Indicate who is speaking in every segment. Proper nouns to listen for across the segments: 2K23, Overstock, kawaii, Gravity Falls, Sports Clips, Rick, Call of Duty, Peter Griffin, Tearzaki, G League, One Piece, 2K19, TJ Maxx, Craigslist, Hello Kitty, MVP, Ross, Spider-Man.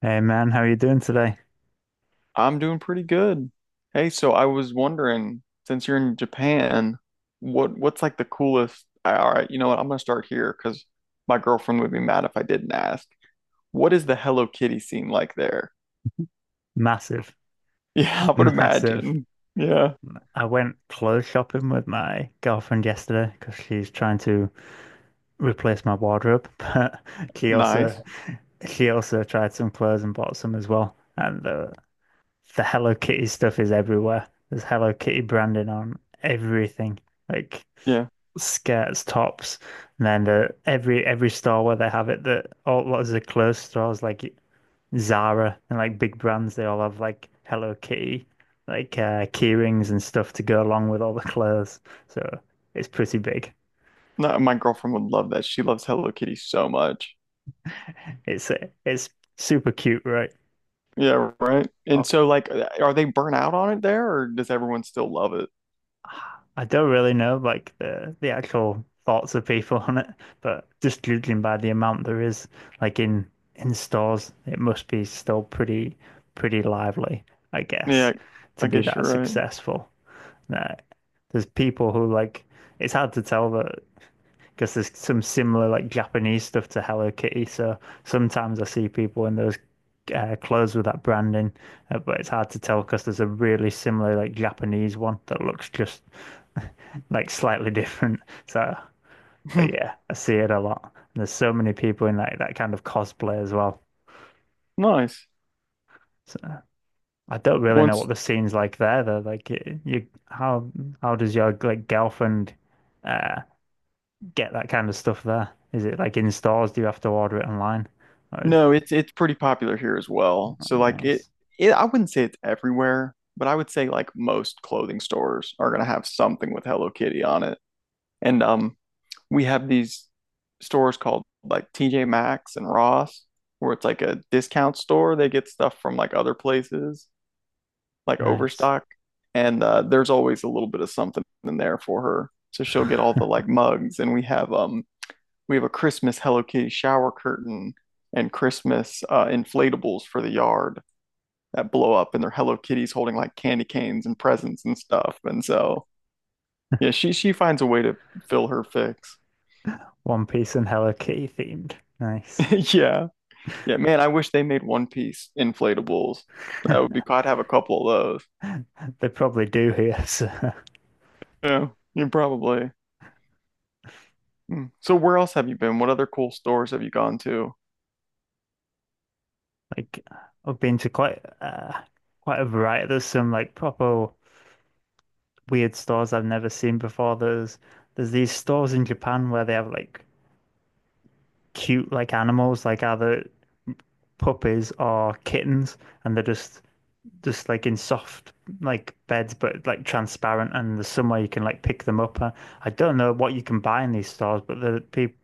Speaker 1: Hey man, how are you doing today?
Speaker 2: I'm doing pretty good. Hey, so I was wondering, since you're in Japan, what's like the coolest? All right, you know what? I'm gonna start here because my girlfriend would be mad if I didn't ask. What is the Hello Kitty scene like there?
Speaker 1: Massive,
Speaker 2: Yeah, I would
Speaker 1: massive.
Speaker 2: imagine. Yeah,
Speaker 1: I went clothes shopping with my girlfriend yesterday because she's trying to replace my wardrobe, but she also
Speaker 2: nice.
Speaker 1: she also tried some clothes and bought some as well. And the Hello Kitty stuff is everywhere. There's Hello Kitty branding on everything. Like
Speaker 2: Yeah,
Speaker 1: skirts, tops, and then the every store where they have it, the all lots of the clothes stores like Zara and like big brands, they all have like Hello Kitty, like key rings and stuff to go along with all the clothes. So it's pretty big.
Speaker 2: no, my girlfriend would love that. She loves Hello Kitty so much.
Speaker 1: It's it's super cute, right?
Speaker 2: Yeah, right. And so, like, are they burnt out on it there, or does everyone still love it?
Speaker 1: I don't really know like the actual thoughts of people on it, but just judging by the amount there is like in stores, it must be still pretty lively, I guess,
Speaker 2: Yeah,
Speaker 1: to
Speaker 2: I
Speaker 1: be
Speaker 2: guess
Speaker 1: that
Speaker 2: you're
Speaker 1: successful. Nah, there's people who like it's hard to tell that because there's some similar like Japanese stuff to Hello Kitty, so sometimes I see people in those clothes with that branding, but it's hard to tell because there's a really similar like Japanese one that looks just like slightly different. So, but
Speaker 2: right.
Speaker 1: yeah, I see it a lot. And there's so many people in like that kind of cosplay as well.
Speaker 2: Nice.
Speaker 1: So I don't really know what
Speaker 2: Once.
Speaker 1: the scene's like there though. Like you, how does your like girlfriend uh get that kind of stuff there? Is it like in stores? Do you have to order it online? Or is
Speaker 2: No, it's pretty popular here as well.
Speaker 1: oh,
Speaker 2: So like it,
Speaker 1: nice,
Speaker 2: it I wouldn't say it's everywhere, but I would say like most clothing stores are gonna have something with Hello Kitty on it. And we have these stores called like TJ Maxx and Ross, where it's like a discount store. They get stuff from like other places, like
Speaker 1: nice.
Speaker 2: Overstock. And there's always a little bit of something in there for her. So she'll get all the like mugs, and we have a Christmas Hello Kitty shower curtain and Christmas inflatables for the yard that blow up, and they're Hello Kitties holding like candy canes and presents and stuff. And so, yeah, she finds a way to fill her fix.
Speaker 1: One Piece and Hello Kitty themed. Nice.
Speaker 2: Yeah, yeah, man, I wish they made One Piece inflatables. That would be cool. I'd have a couple of those.
Speaker 1: They probably do here. So
Speaker 2: Yeah, you probably. Hmm. So where else have you been? What other cool stores have you gone to?
Speaker 1: like I've been to quite a variety. There's some like proper weird stores I've never seen before. There's these stores in Japan where they have like cute like animals, like either puppies or kittens, and they're just like in soft like beds, but like transparent, and there's somewhere you can like pick them up. I don't know what you can buy in these stores, but the people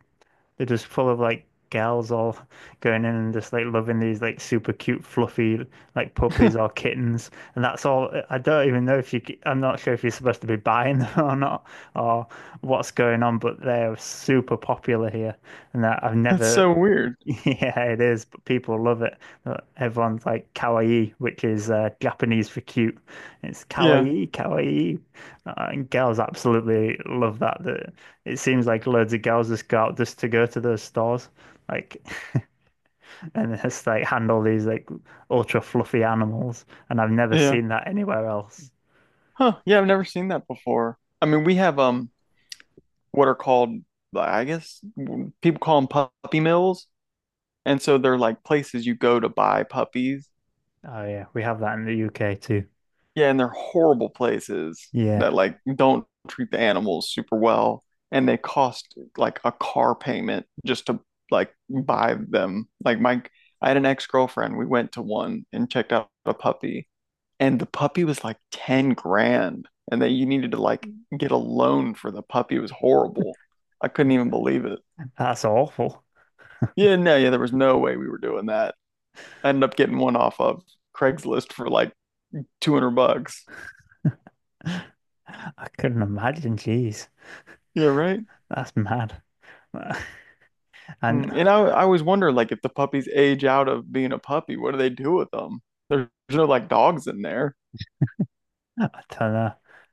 Speaker 1: they're just full of like gals all going in and just like loving these like super cute, fluffy like puppies or kittens. And that's all. I don't even know if you, I I'm not sure if you're supposed to be buying them or not or what's going on, but they're super popular here. And I've
Speaker 2: That's
Speaker 1: never
Speaker 2: so weird.
Speaker 1: yeah, it is, but people love it. Everyone's like kawaii, which is Japanese for cute. It's
Speaker 2: Yeah,
Speaker 1: kawaii, kawaii. And girls absolutely love that. That it seems like loads of girls just go out just to go to those stores, like, and just like handle these like ultra fluffy animals. And I've never
Speaker 2: yeah.
Speaker 1: seen that anywhere else.
Speaker 2: Huh. Yeah, I've never seen that before. I mean, we have what are called, I guess, people call them puppy mills. And so they're like places you go to buy puppies.
Speaker 1: Oh yeah, we have that in the UK too.
Speaker 2: Yeah, and they're horrible places that
Speaker 1: Yeah,
Speaker 2: like don't treat the animals super well. And they cost like a car payment just to like buy them. Like I had an ex-girlfriend. We went to one and checked out a puppy, and the puppy was like 10 grand. And then you needed to like get a loan for the puppy. It was horrible. I couldn't even believe it.
Speaker 1: that's awful.
Speaker 2: Yeah, no, yeah, there was no way we were doing that. I ended up getting one off of Craigslist for like $200.
Speaker 1: I couldn't imagine. Jeez,
Speaker 2: Yeah, right.
Speaker 1: that's mad. And
Speaker 2: Mm, and I always wonder, like, if the puppies age out of being a puppy, what do they do with them? There's no like dogs in there.
Speaker 1: I don't know.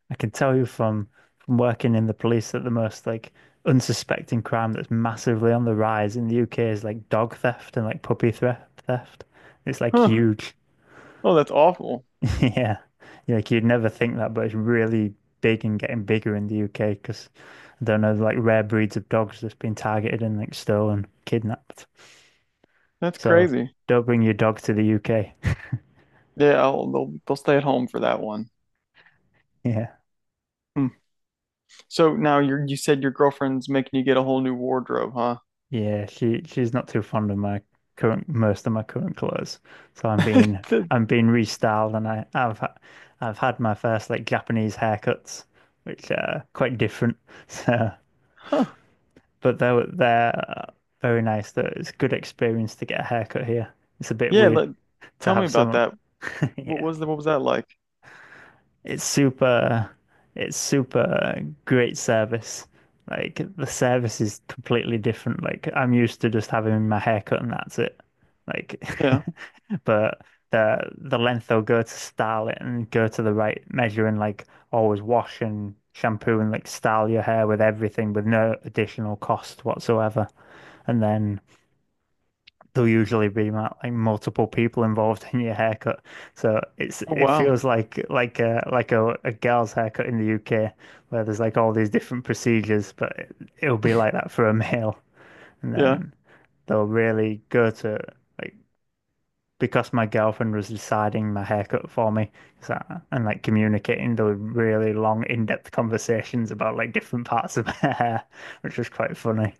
Speaker 1: I can tell you from working in the police that the most like unsuspecting crime that's massively on the rise in the UK is like dog theft and like puppy theft. Theft. It's like
Speaker 2: Huh.
Speaker 1: huge.
Speaker 2: Oh, that's awful.
Speaker 1: Yeah. Yeah, like you'd never think that, but it's really big and getting bigger in the UK because I don't know, like rare breeds of dogs that's been targeted and like stolen, kidnapped.
Speaker 2: That's
Speaker 1: So
Speaker 2: crazy.
Speaker 1: don't bring your dog to the UK.
Speaker 2: Yeah, they'll stay at home for that one.
Speaker 1: Yeah.
Speaker 2: Hmm. So now you said your girlfriend's making you get a whole new wardrobe, huh?
Speaker 1: Yeah, she's not too fond of my current most of my current clothes. So
Speaker 2: The-
Speaker 1: I'm being restyled and I've had my first like Japanese haircuts, which are quite different. So,
Speaker 2: Huh.
Speaker 1: but they're very nice. Though it's a good experience to get a haircut here. It's a bit
Speaker 2: Yeah.
Speaker 1: weird to
Speaker 2: Tell me
Speaker 1: have
Speaker 2: about
Speaker 1: someone.
Speaker 2: that. What
Speaker 1: Yeah.
Speaker 2: was the, what was that like?
Speaker 1: It's super, it's super great service. Like the service is completely different. Like I'm used to just having my hair cut and that's it. Like,
Speaker 2: Yeah.
Speaker 1: but the length they'll go to style it and go to the right measure and like always wash and shampoo and like style your hair with everything with no additional cost whatsoever. And then there'll usually be like multiple people involved in your haircut. So it's
Speaker 2: Oh,
Speaker 1: it
Speaker 2: wow.
Speaker 1: feels like like a girl's haircut in the UK where there's like all these different procedures, but it'll be like that for a male. And
Speaker 2: Yeah.
Speaker 1: then they'll really go to like because my girlfriend was deciding my haircut for me, so, and like communicating the really long in-depth conversations about like different parts of her hair, which was quite funny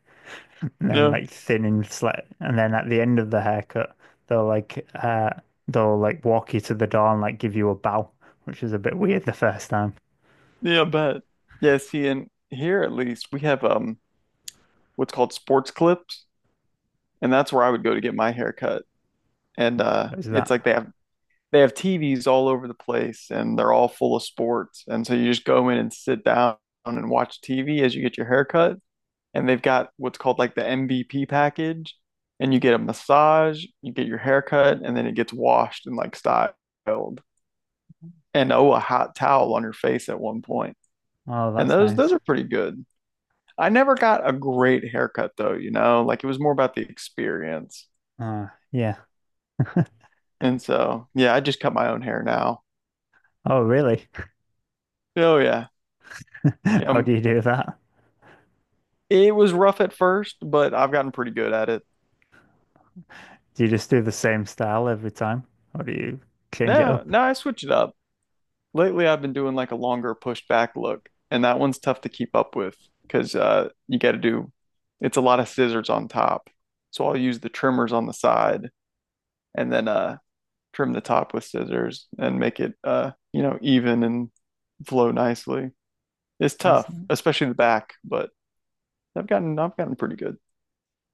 Speaker 1: and then
Speaker 2: Yeah.
Speaker 1: like thin and slit. And then at the end of the haircut, they'll like uh they'll like walk you to the door and like give you a bow, which is a bit weird the first time.
Speaker 2: Yeah, but yeah, see, and here at least we have what's called sports clips, and that's where I would go to get my haircut. And
Speaker 1: It was
Speaker 2: it's
Speaker 1: that.
Speaker 2: like they have TVs all over the place, and they're all full of sports. And so you just go in and sit down and watch TV as you get your haircut. And they've got what's called like the MVP package, and you get a massage, you get your haircut, and then it gets washed and like styled. And oh, a hot towel on your face at one point.
Speaker 1: Oh,
Speaker 2: And
Speaker 1: that's
Speaker 2: those
Speaker 1: nice.
Speaker 2: are pretty good. I never got a great haircut though, like it was more about the experience.
Speaker 1: Uh, yeah.
Speaker 2: And so, yeah, I just cut my own hair now.
Speaker 1: Oh, really?
Speaker 2: Oh yeah. Yeah.
Speaker 1: How do you do that?
Speaker 2: It was rough at first, but I've gotten pretty good at it.
Speaker 1: Do you just do the same style every time, or do you change it
Speaker 2: No,
Speaker 1: up?
Speaker 2: no, I switch it up. Lately, I've been doing like a longer pushed back look, and that one's tough to keep up with because you got to do it's a lot of scissors on top. So I'll use the trimmers on the side, and then trim the top with scissors and make it even and flow nicely. It's
Speaker 1: That's
Speaker 2: tough, especially the back, but I've gotten pretty good.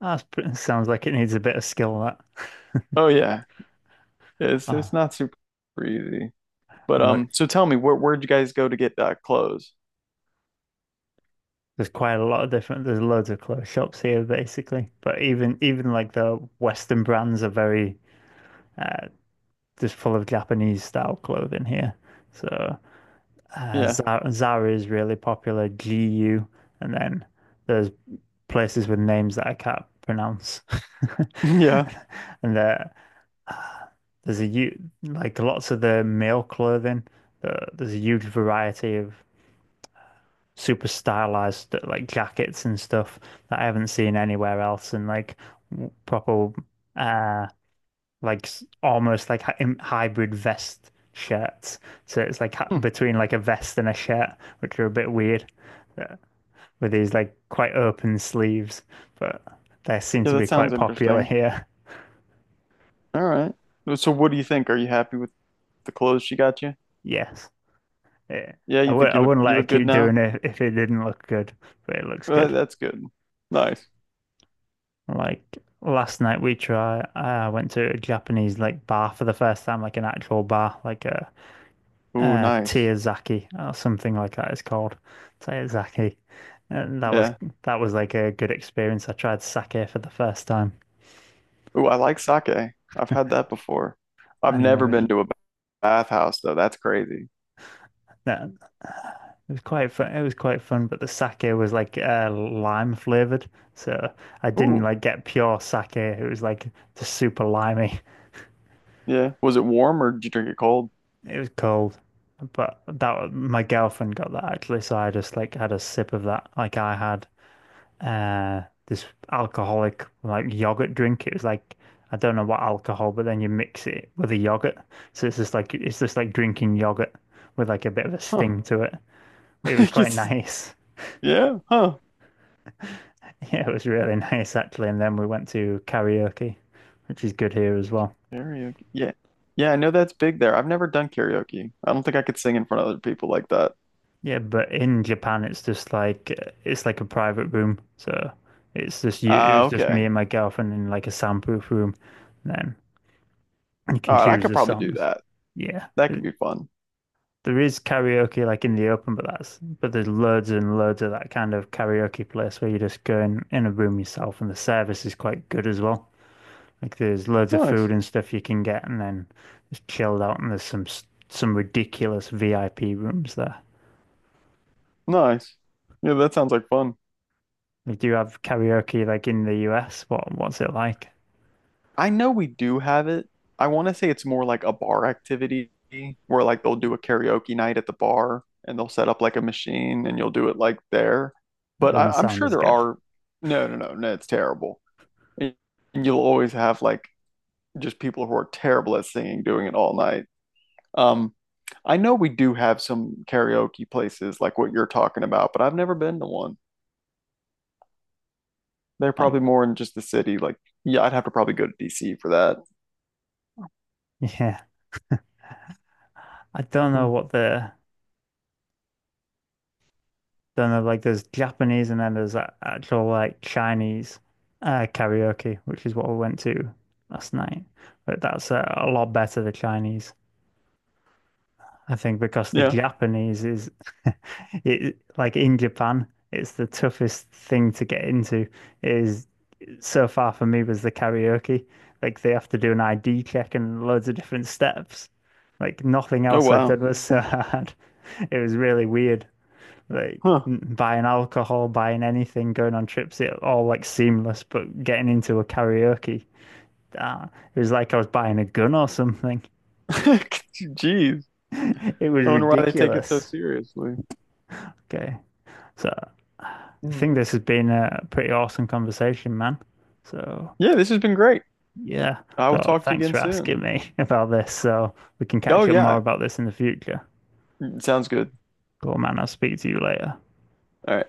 Speaker 1: that's pretty, sounds like it needs a bit of skill. That.
Speaker 2: Oh yeah, it's
Speaker 1: Oh,
Speaker 2: it's not super easy. But
Speaker 1: and look,
Speaker 2: so tell me, where'd you guys go to get clothes?
Speaker 1: there's quite a lot of different. There's loads of clothes shops here, basically. But even like the Western brands are very uh, just full of Japanese style clothing here. So
Speaker 2: Yeah,
Speaker 1: Zara is really popular, GU, and then there's places with names that I can't pronounce.
Speaker 2: yeah,
Speaker 1: And there, uh, there's a like lots of the male clothing. There's a huge variety of super stylized like jackets and stuff that I haven't seen anywhere else, and like proper uh like almost like hybrid vest shirts. So it's like
Speaker 2: hmm.
Speaker 1: between like a vest and a shirt, which are a bit weird, uh, with these like quite open sleeves, but they seem
Speaker 2: Yeah,
Speaker 1: to
Speaker 2: that
Speaker 1: be
Speaker 2: sounds
Speaker 1: quite popular
Speaker 2: interesting.
Speaker 1: here.
Speaker 2: All right. So what do you think? Are you happy with the clothes she got you?
Speaker 1: Yes. Yeah.
Speaker 2: Yeah, you think
Speaker 1: I
Speaker 2: you look
Speaker 1: wouldn't
Speaker 2: you
Speaker 1: let it
Speaker 2: look good
Speaker 1: keep
Speaker 2: now?
Speaker 1: doing it if it didn't look good, but it looks
Speaker 2: Well,
Speaker 1: good.
Speaker 2: that's good. Nice.
Speaker 1: Like last night we tried, I went to a Japanese like bar for the first time, like an actual bar, like a
Speaker 2: Ooh, nice.
Speaker 1: Tearzaki or something like that it's called Tearzaki, and
Speaker 2: Yeah.
Speaker 1: that was like a good experience. I tried sake for the first time,
Speaker 2: Ooh, I like sake. I've had that before. I've
Speaker 1: and there
Speaker 2: never
Speaker 1: was-
Speaker 2: been to a bathhouse though. That's crazy.
Speaker 1: that it was quite fun. It was quite fun, but the sake was like lime flavored. So I didn't
Speaker 2: Ooh,
Speaker 1: like get pure sake. It was like just super limey.
Speaker 2: yeah. Was it warm, or did you drink it cold?
Speaker 1: It was cold, but that my girlfriend got that actually. So I just like had a sip of that. Like I had uh this alcoholic like yogurt drink. It was like I don't know what alcohol, but then you mix it with a yogurt. So it's just like drinking yogurt with like a bit of a
Speaker 2: Huh.
Speaker 1: sting to it. It
Speaker 2: I
Speaker 1: was quite
Speaker 2: guess-
Speaker 1: nice.
Speaker 2: yeah, huh.
Speaker 1: Yeah, it was really nice actually. And then we went to karaoke, which is good here as well.
Speaker 2: Karaoke. Yeah. Yeah, I know that's big there. I've never done karaoke. I don't think I could sing in front of other people like that.
Speaker 1: Yeah, but in Japan it's just like it's like a private room. So it's just you. It
Speaker 2: Ah,
Speaker 1: was just me
Speaker 2: okay.
Speaker 1: and my girlfriend in like a soundproof room. And then you can
Speaker 2: All right, I
Speaker 1: choose
Speaker 2: could
Speaker 1: the
Speaker 2: probably do
Speaker 1: songs.
Speaker 2: that.
Speaker 1: Yeah.
Speaker 2: That could be fun.
Speaker 1: There is karaoke like in the open, but that's but there's loads and loads of that kind of karaoke place where you just go in a room yourself, and the service is quite good as well. Like there's loads of food
Speaker 2: Nice.
Speaker 1: and stuff you can get, and then just chilled out. And there's some ridiculous VIP rooms there.
Speaker 2: Nice. Yeah, that sounds like fun.
Speaker 1: Like, do you have karaoke like in the US? What what's it like?
Speaker 2: I know we do have it. I want to say it's more like a bar activity, where like they'll do a karaoke night at the bar and they'll set up like a machine and you'll do it like there.
Speaker 1: That
Speaker 2: But I,
Speaker 1: doesn't
Speaker 2: I'm
Speaker 1: sound
Speaker 2: sure
Speaker 1: as
Speaker 2: there
Speaker 1: good.
Speaker 2: are. No, no, no, no, it's terrible. And you'll always have like just people who are terrible at singing doing it all night. Um, I know we do have some karaoke places like what you're talking about, but I've never been to one. They're
Speaker 1: Oh,
Speaker 2: probably more in just the city. Like, yeah, I'd have to probably go to DC for that.
Speaker 1: yeah, I don't know
Speaker 2: Hmm.
Speaker 1: what the then there's like there's Japanese and then there's actual like Chinese karaoke, which is what we went to last night. But that's a lot better, the Chinese, I think, because the
Speaker 2: Yeah.
Speaker 1: Japanese is it like in Japan, it's the toughest thing to get into is so far for me was the karaoke. Like they have to do an ID check and loads of different steps. Like nothing
Speaker 2: Oh,
Speaker 1: else I
Speaker 2: wow.
Speaker 1: did was so hard. It was really weird like
Speaker 2: Huh.
Speaker 1: buying alcohol, buying anything, going on trips, it all like seamless, but getting into a karaoke, ah, it was like I was buying a gun or something.
Speaker 2: Jeez.
Speaker 1: It was
Speaker 2: I wonder why they take it so
Speaker 1: ridiculous.
Speaker 2: seriously.
Speaker 1: Okay. So I
Speaker 2: Hmm.
Speaker 1: think this has been a pretty awesome conversation, man. So
Speaker 2: Yeah, this has been great.
Speaker 1: yeah.
Speaker 2: I will
Speaker 1: So
Speaker 2: talk to you
Speaker 1: thanks
Speaker 2: again
Speaker 1: for
Speaker 2: soon.
Speaker 1: asking me about this. So we can
Speaker 2: Oh,
Speaker 1: catch up more
Speaker 2: yeah.
Speaker 1: about this in the future.
Speaker 2: Sounds good.
Speaker 1: Cool, man. I'll speak to you later.
Speaker 2: All right.